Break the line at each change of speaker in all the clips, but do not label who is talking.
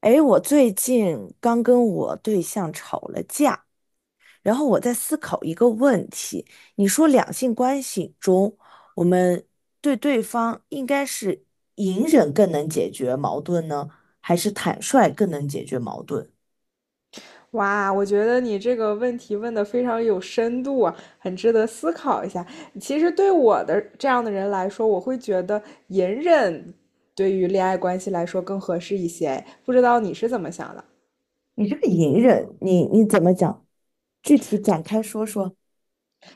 哎，我最近刚跟我对象吵了架，然后我在思考一个问题：你说两性关系中，我们对对方应该是隐忍更能解决矛盾呢，还是坦率更能解决矛盾？
哇，我觉得你这个问题问的非常有深度啊，很值得思考一下。其实对我的这样的人来说，我会觉得隐忍对于恋爱关系来说更合适一些。不知道你是怎么想的？
你这个隐忍，你怎么讲？具体展开说说。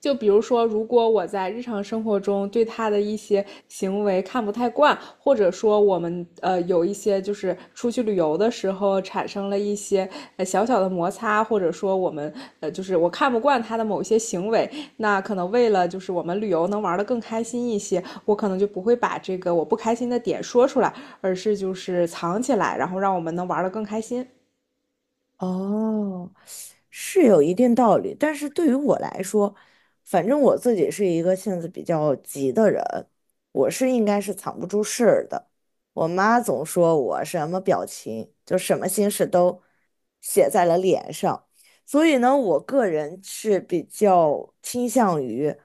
就比如说，如果我在日常生活中对他的一些行为看不太惯，或者说我们有一些就是出去旅游的时候产生了一些小小的摩擦，或者说我们就是我看不惯他的某些行为，那可能为了就是我们旅游能玩得更开心一些，我可能就不会把这个我不开心的点说出来，而是就是藏起来，然后让我们能玩得更开心。
哦，是有一定道理，但是对于我来说，反正我自己是一个性子比较急的人，我是应该是藏不住事儿的。我妈总说我什么表情，就什么心事都写在了脸上，所以呢，我个人是比较倾向于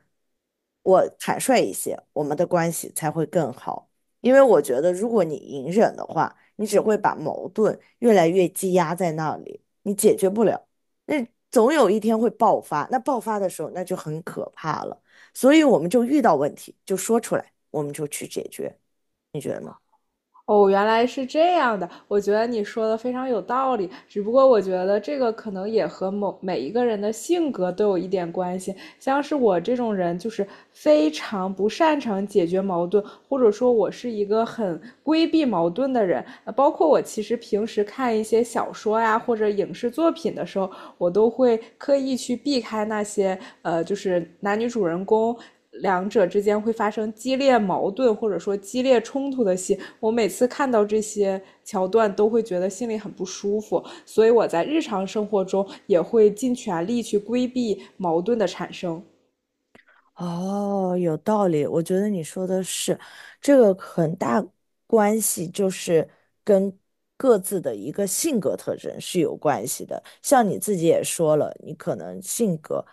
我坦率一些，我们的关系才会更好。因为我觉得，如果你隐忍的话，你只会把矛盾越来越积压在那里，你解决不了，那总有一天会爆发。那爆发的时候，那就很可怕了。所以我们就遇到问题就说出来，我们就去解决，你觉得呢？
哦，原来是这样的，我觉得你说的非常有道理。只不过我觉得这个可能也和某每一个人的性格都有一点关系。像是我这种人，就是非常不擅长解决矛盾，或者说我是一个很规避矛盾的人。包括我其实平时看一些小说呀或者影视作品的时候，我都会刻意去避开那些就是男女主人公两者之间会发生激烈矛盾或者说激烈冲突的戏，我每次看到这些桥段都会觉得心里很不舒服，所以我在日常生活中也会尽全力去规避矛盾的产生。
哦，有道理，我觉得你说的是，这个很大关系就是跟各自的一个性格特征是有关系的。像你自己也说了，你可能性格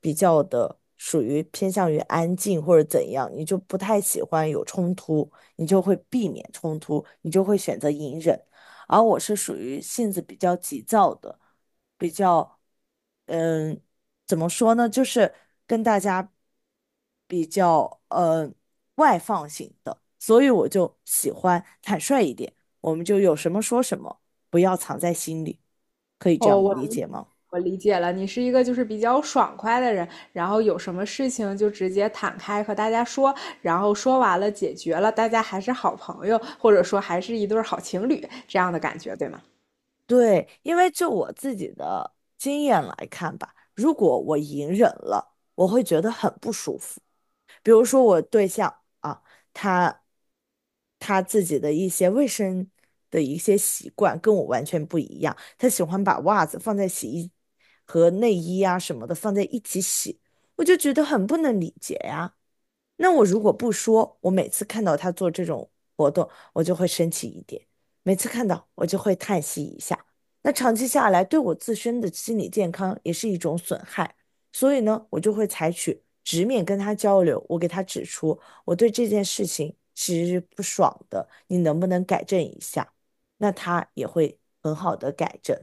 比较的属于偏向于安静或者怎样，你就不太喜欢有冲突，你就会避免冲突，你就会选择隐忍。而我是属于性子比较急躁的，比较。嗯。怎么说呢？就是跟大家比较外放型的，所以我就喜欢坦率一点，我们就有什么说什么，不要藏在心里，可以这
哦，
样
我
理
理
解吗？
我理解了，你是一个就是比较爽快的人，然后有什么事情就直接坦开和大家说，然后说完了解决了，大家还是好朋友，或者说还是一对好情侣这样的感觉，对吗？
对，因为就我自己的经验来看吧，如果我隐忍了，我会觉得很不舒服。比如说我对象啊，他他自己的一些卫生的一些习惯跟我完全不一样，他喜欢把袜子放在洗衣和内衣啊什么的放在一起洗，我就觉得很不能理解呀。那我如果不说，我每次看到他做这种活动，我就会生气一点；每次看到，我就会叹息一下。那长期下来，对我自身的心理健康也是一种损害。所以呢，我就会采取直面跟他交流，我给他指出我对这件事情其是不爽的，你能不能改正一下？那他也会很好的改正。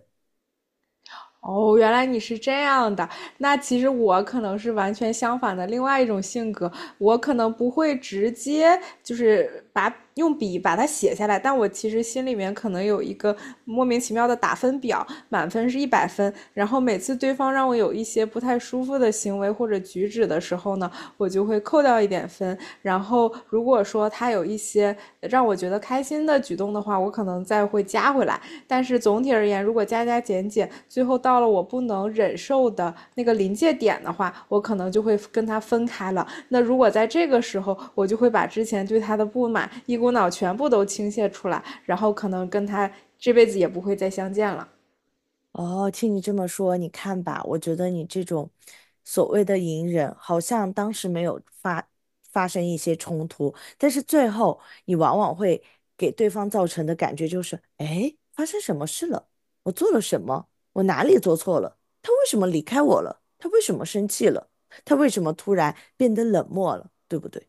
哦，原来你是这样的。那其实我可能是完全相反的另外一种性格，我可能不会直接就是把用笔把它写下来，但我其实心里面可能有一个莫名其妙的打分表，满分是100分。然后每次对方让我有一些不太舒服的行为或者举止的时候呢，我就会扣掉一点分。然后如果说他有一些让我觉得开心的举动的话，我可能再会加回来。但是总体而言，如果加加减减，最后到了我不能忍受的那个临界点的话，我可能就会跟他分开了。那如果在这个时候，我就会把之前对他的不满一股脑全部都倾泻出来，然后可能跟他这辈子也不会再相见了。
哦，听你这么说，你看吧，我觉得你这种所谓的隐忍，好像当时没有发生一些冲突，但是最后你往往会给对方造成的感觉就是，哎，发生什么事了？我做了什么？我哪里做错了？他为什么离开我了？他为什么生气了？他为什么突然变得冷漠了？对不对？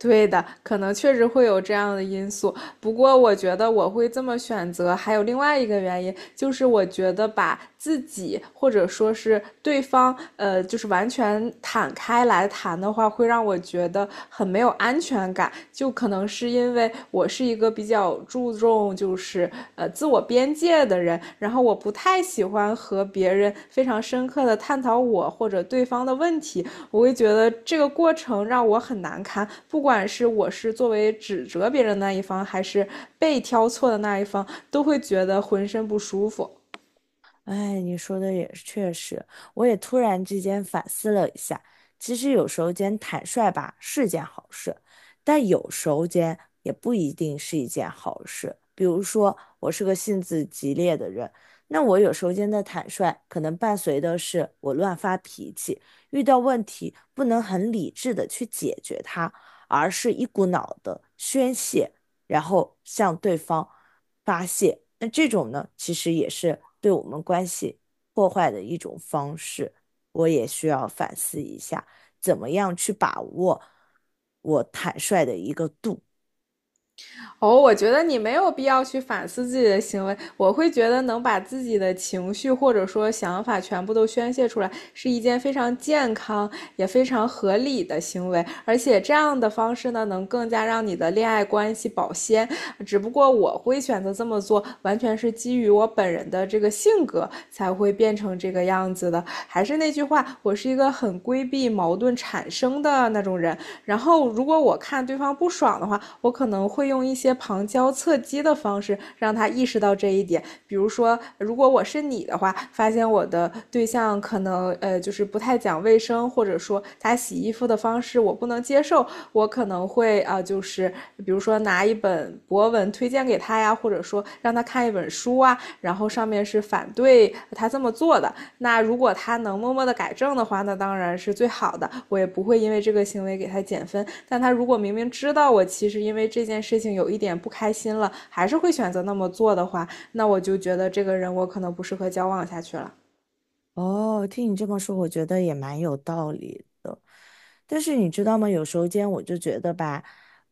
对的，可能确实会有这样的因素。不过，我觉得我会这么选择，还有另外一个原因，就是我觉得把自己或者说是对方，就是完全坦开来谈的话，会让我觉得很没有安全感。就可能是因为我是一个比较注重就是自我边界的人，然后我不太喜欢和别人非常深刻的探讨我或者对方的问题，我会觉得这个过程让我很难堪，不管是我是作为指责别人的那一方，还是被挑错的那一方，都会觉得浑身不舒服。
哎，你说的也是确实，我也突然之间反思了一下，其实有时候间坦率吧是件好事，但有时候间也不一定是一件好事。比如说，我是个性子急烈的人，那我有时候间的坦率，可能伴随的是我乱发脾气，遇到问题不能很理智的去解决它，而是一股脑的宣泄。然后向对方发泄。那这种呢，其实也是对我们关系破坏的一种方式。我也需要反思一下，怎么样去把握我坦率的一个度。
哦，我觉得你没有必要去反思自己的行为。我会觉得能把自己的情绪或者说想法全部都宣泄出来，是一件非常健康也非常合理的行为。而且这样的方式呢，能更加让你的恋爱关系保鲜。只不过我会选择这么做，完全是基于我本人的这个性格才会变成这个样子的。的还是那句话，我是一个很规避矛盾产生的那种人。然后，如果我看对方不爽的话，我可能会用一些旁敲侧击的方式让他意识到这一点。比如说，如果我是你的话，发现我的对象可能就是不太讲卫生，或者说他洗衣服的方式我不能接受，我可能会啊、就是比如说拿一本博文推荐给他呀，或者说让他看一本书啊，然后上面是反对他这么做的。那如果他能默默的改正的话，那当然是最好的，我也不会因为这个行为给他减分。但他如果明明知道我其实因为这件事情有一点不开心了，还是会选择那么做的话，那我就觉得这个人我可能不适合交往下去了。
哦，听你这么说，我觉得也蛮有道理的。但是你知道吗？有时候间我就觉得吧，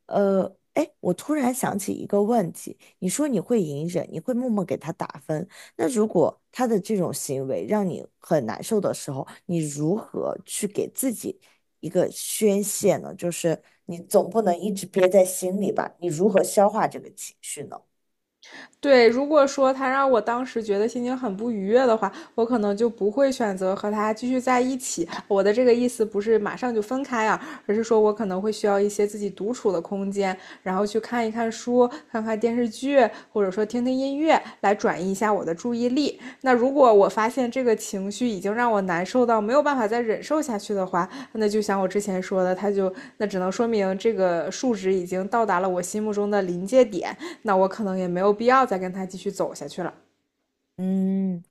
呃，哎，我突然想起一个问题，你说你会隐忍，你会默默给他打分，那如果他的这种行为让你很难受的时候，你如何去给自己一个宣泄呢？就是你总不能一直憋在心里吧？你如何消化这个情绪呢？
对，如果说他让我当时觉得心情很不愉悦的话，我可能就不会选择和他继续在一起。我的这个意思不是马上就分开啊，而是说我可能会需要一些自己独处的空间，然后去看一看书、看看电视剧，或者说听听音乐，乐来转移一下我的注意力。那如果我发现这个情绪已经让我难受到没有办法再忍受下去的话，那就像我之前说的，它就那只能说明这个数值已经到达了我心目中的临界点，那我可能也没有必要再跟它继续走下去了。
嗯。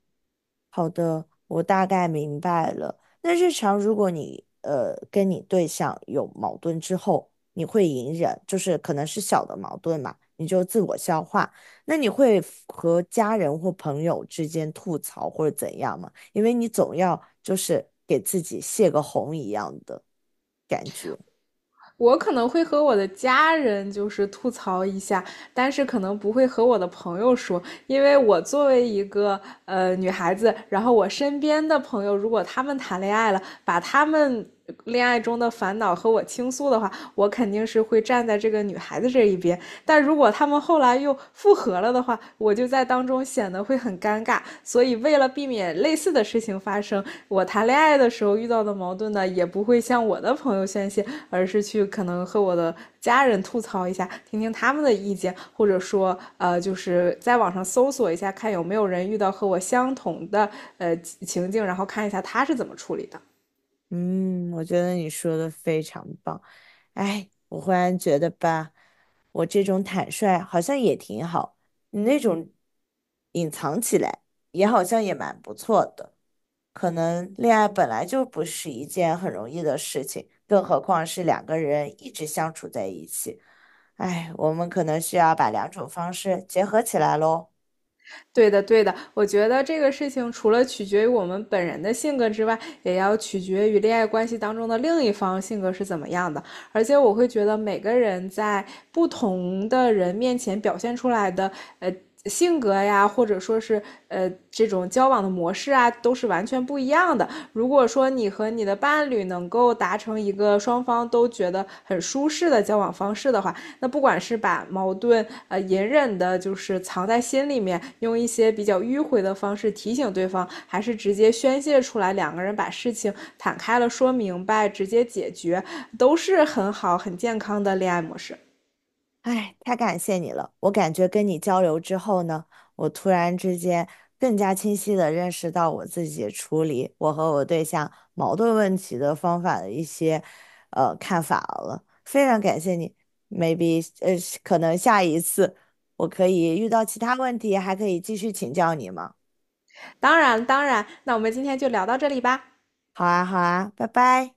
好的，我大概明白了。那日常如果你跟你对象有矛盾之后，你会隐忍，就是可能是小的矛盾嘛，你就自我消化。那你会 和家人或朋友之间吐槽或者怎样吗？因为你总要就是给自己泄个洪一样的感觉。
我可能会和我的家人就是吐槽一下，但是可能不会和我的朋友说，因为我作为一个女孩子，然后我身边的朋友如果他们谈恋爱了，把他们恋爱中的烦恼和我倾诉的话，我肯定是会站在这个女孩子这一边。但如果他们后来又复合了的话，我就在当中显得会很尴尬。所以为了避免类似的事情发生。我谈恋爱的时候遇到的矛盾呢，也不会向我的朋友宣泄，而是去可能和我的家人吐槽一下，听听他们的意见，或者说就是在网上搜索一下，看有没有人遇到和我相同的情境，然后看一下他是怎么处理的。
嗯，我觉得你说的非常棒。哎，我忽然觉得吧，我这种坦率好像也挺好，你那种隐藏起来也好像也蛮不错的。可能恋爱本来就不是一件很容易的事情，更何况是两个人一直相处在一起。哎，我们可能需要把两种方式结合起来喽。
对的，对的，我觉得这个事情除了取决于我们本人的性格之外，也要取决于恋爱关系当中的另一方性格是怎么样的。而且我会觉得每个人在不同的人面前表现出来的，呃，性格呀，或者说是这种交往的模式啊，都是完全不一样的。如果说你和你的伴侣能够达成一个双方都觉得很舒适的交往方式的话，那不管是把矛盾隐忍的，就是藏在心里面，用一些比较迂回的方式提醒对方，还是直接宣泄出来，两个人把事情坦开了说明白，直接解决，都是很好很健康的恋爱模式。
哎，太感谢你了！我感觉跟你交流之后呢，我突然之间更加清晰地认识到我自己处理我和我对象矛盾问题的方法的一些看法了。非常感谢你，maybe 可能下一次我可以遇到其他问题，还可以继续请教你吗？
当然，当然，那我们今天就聊到这里吧。
好啊，好啊，拜拜。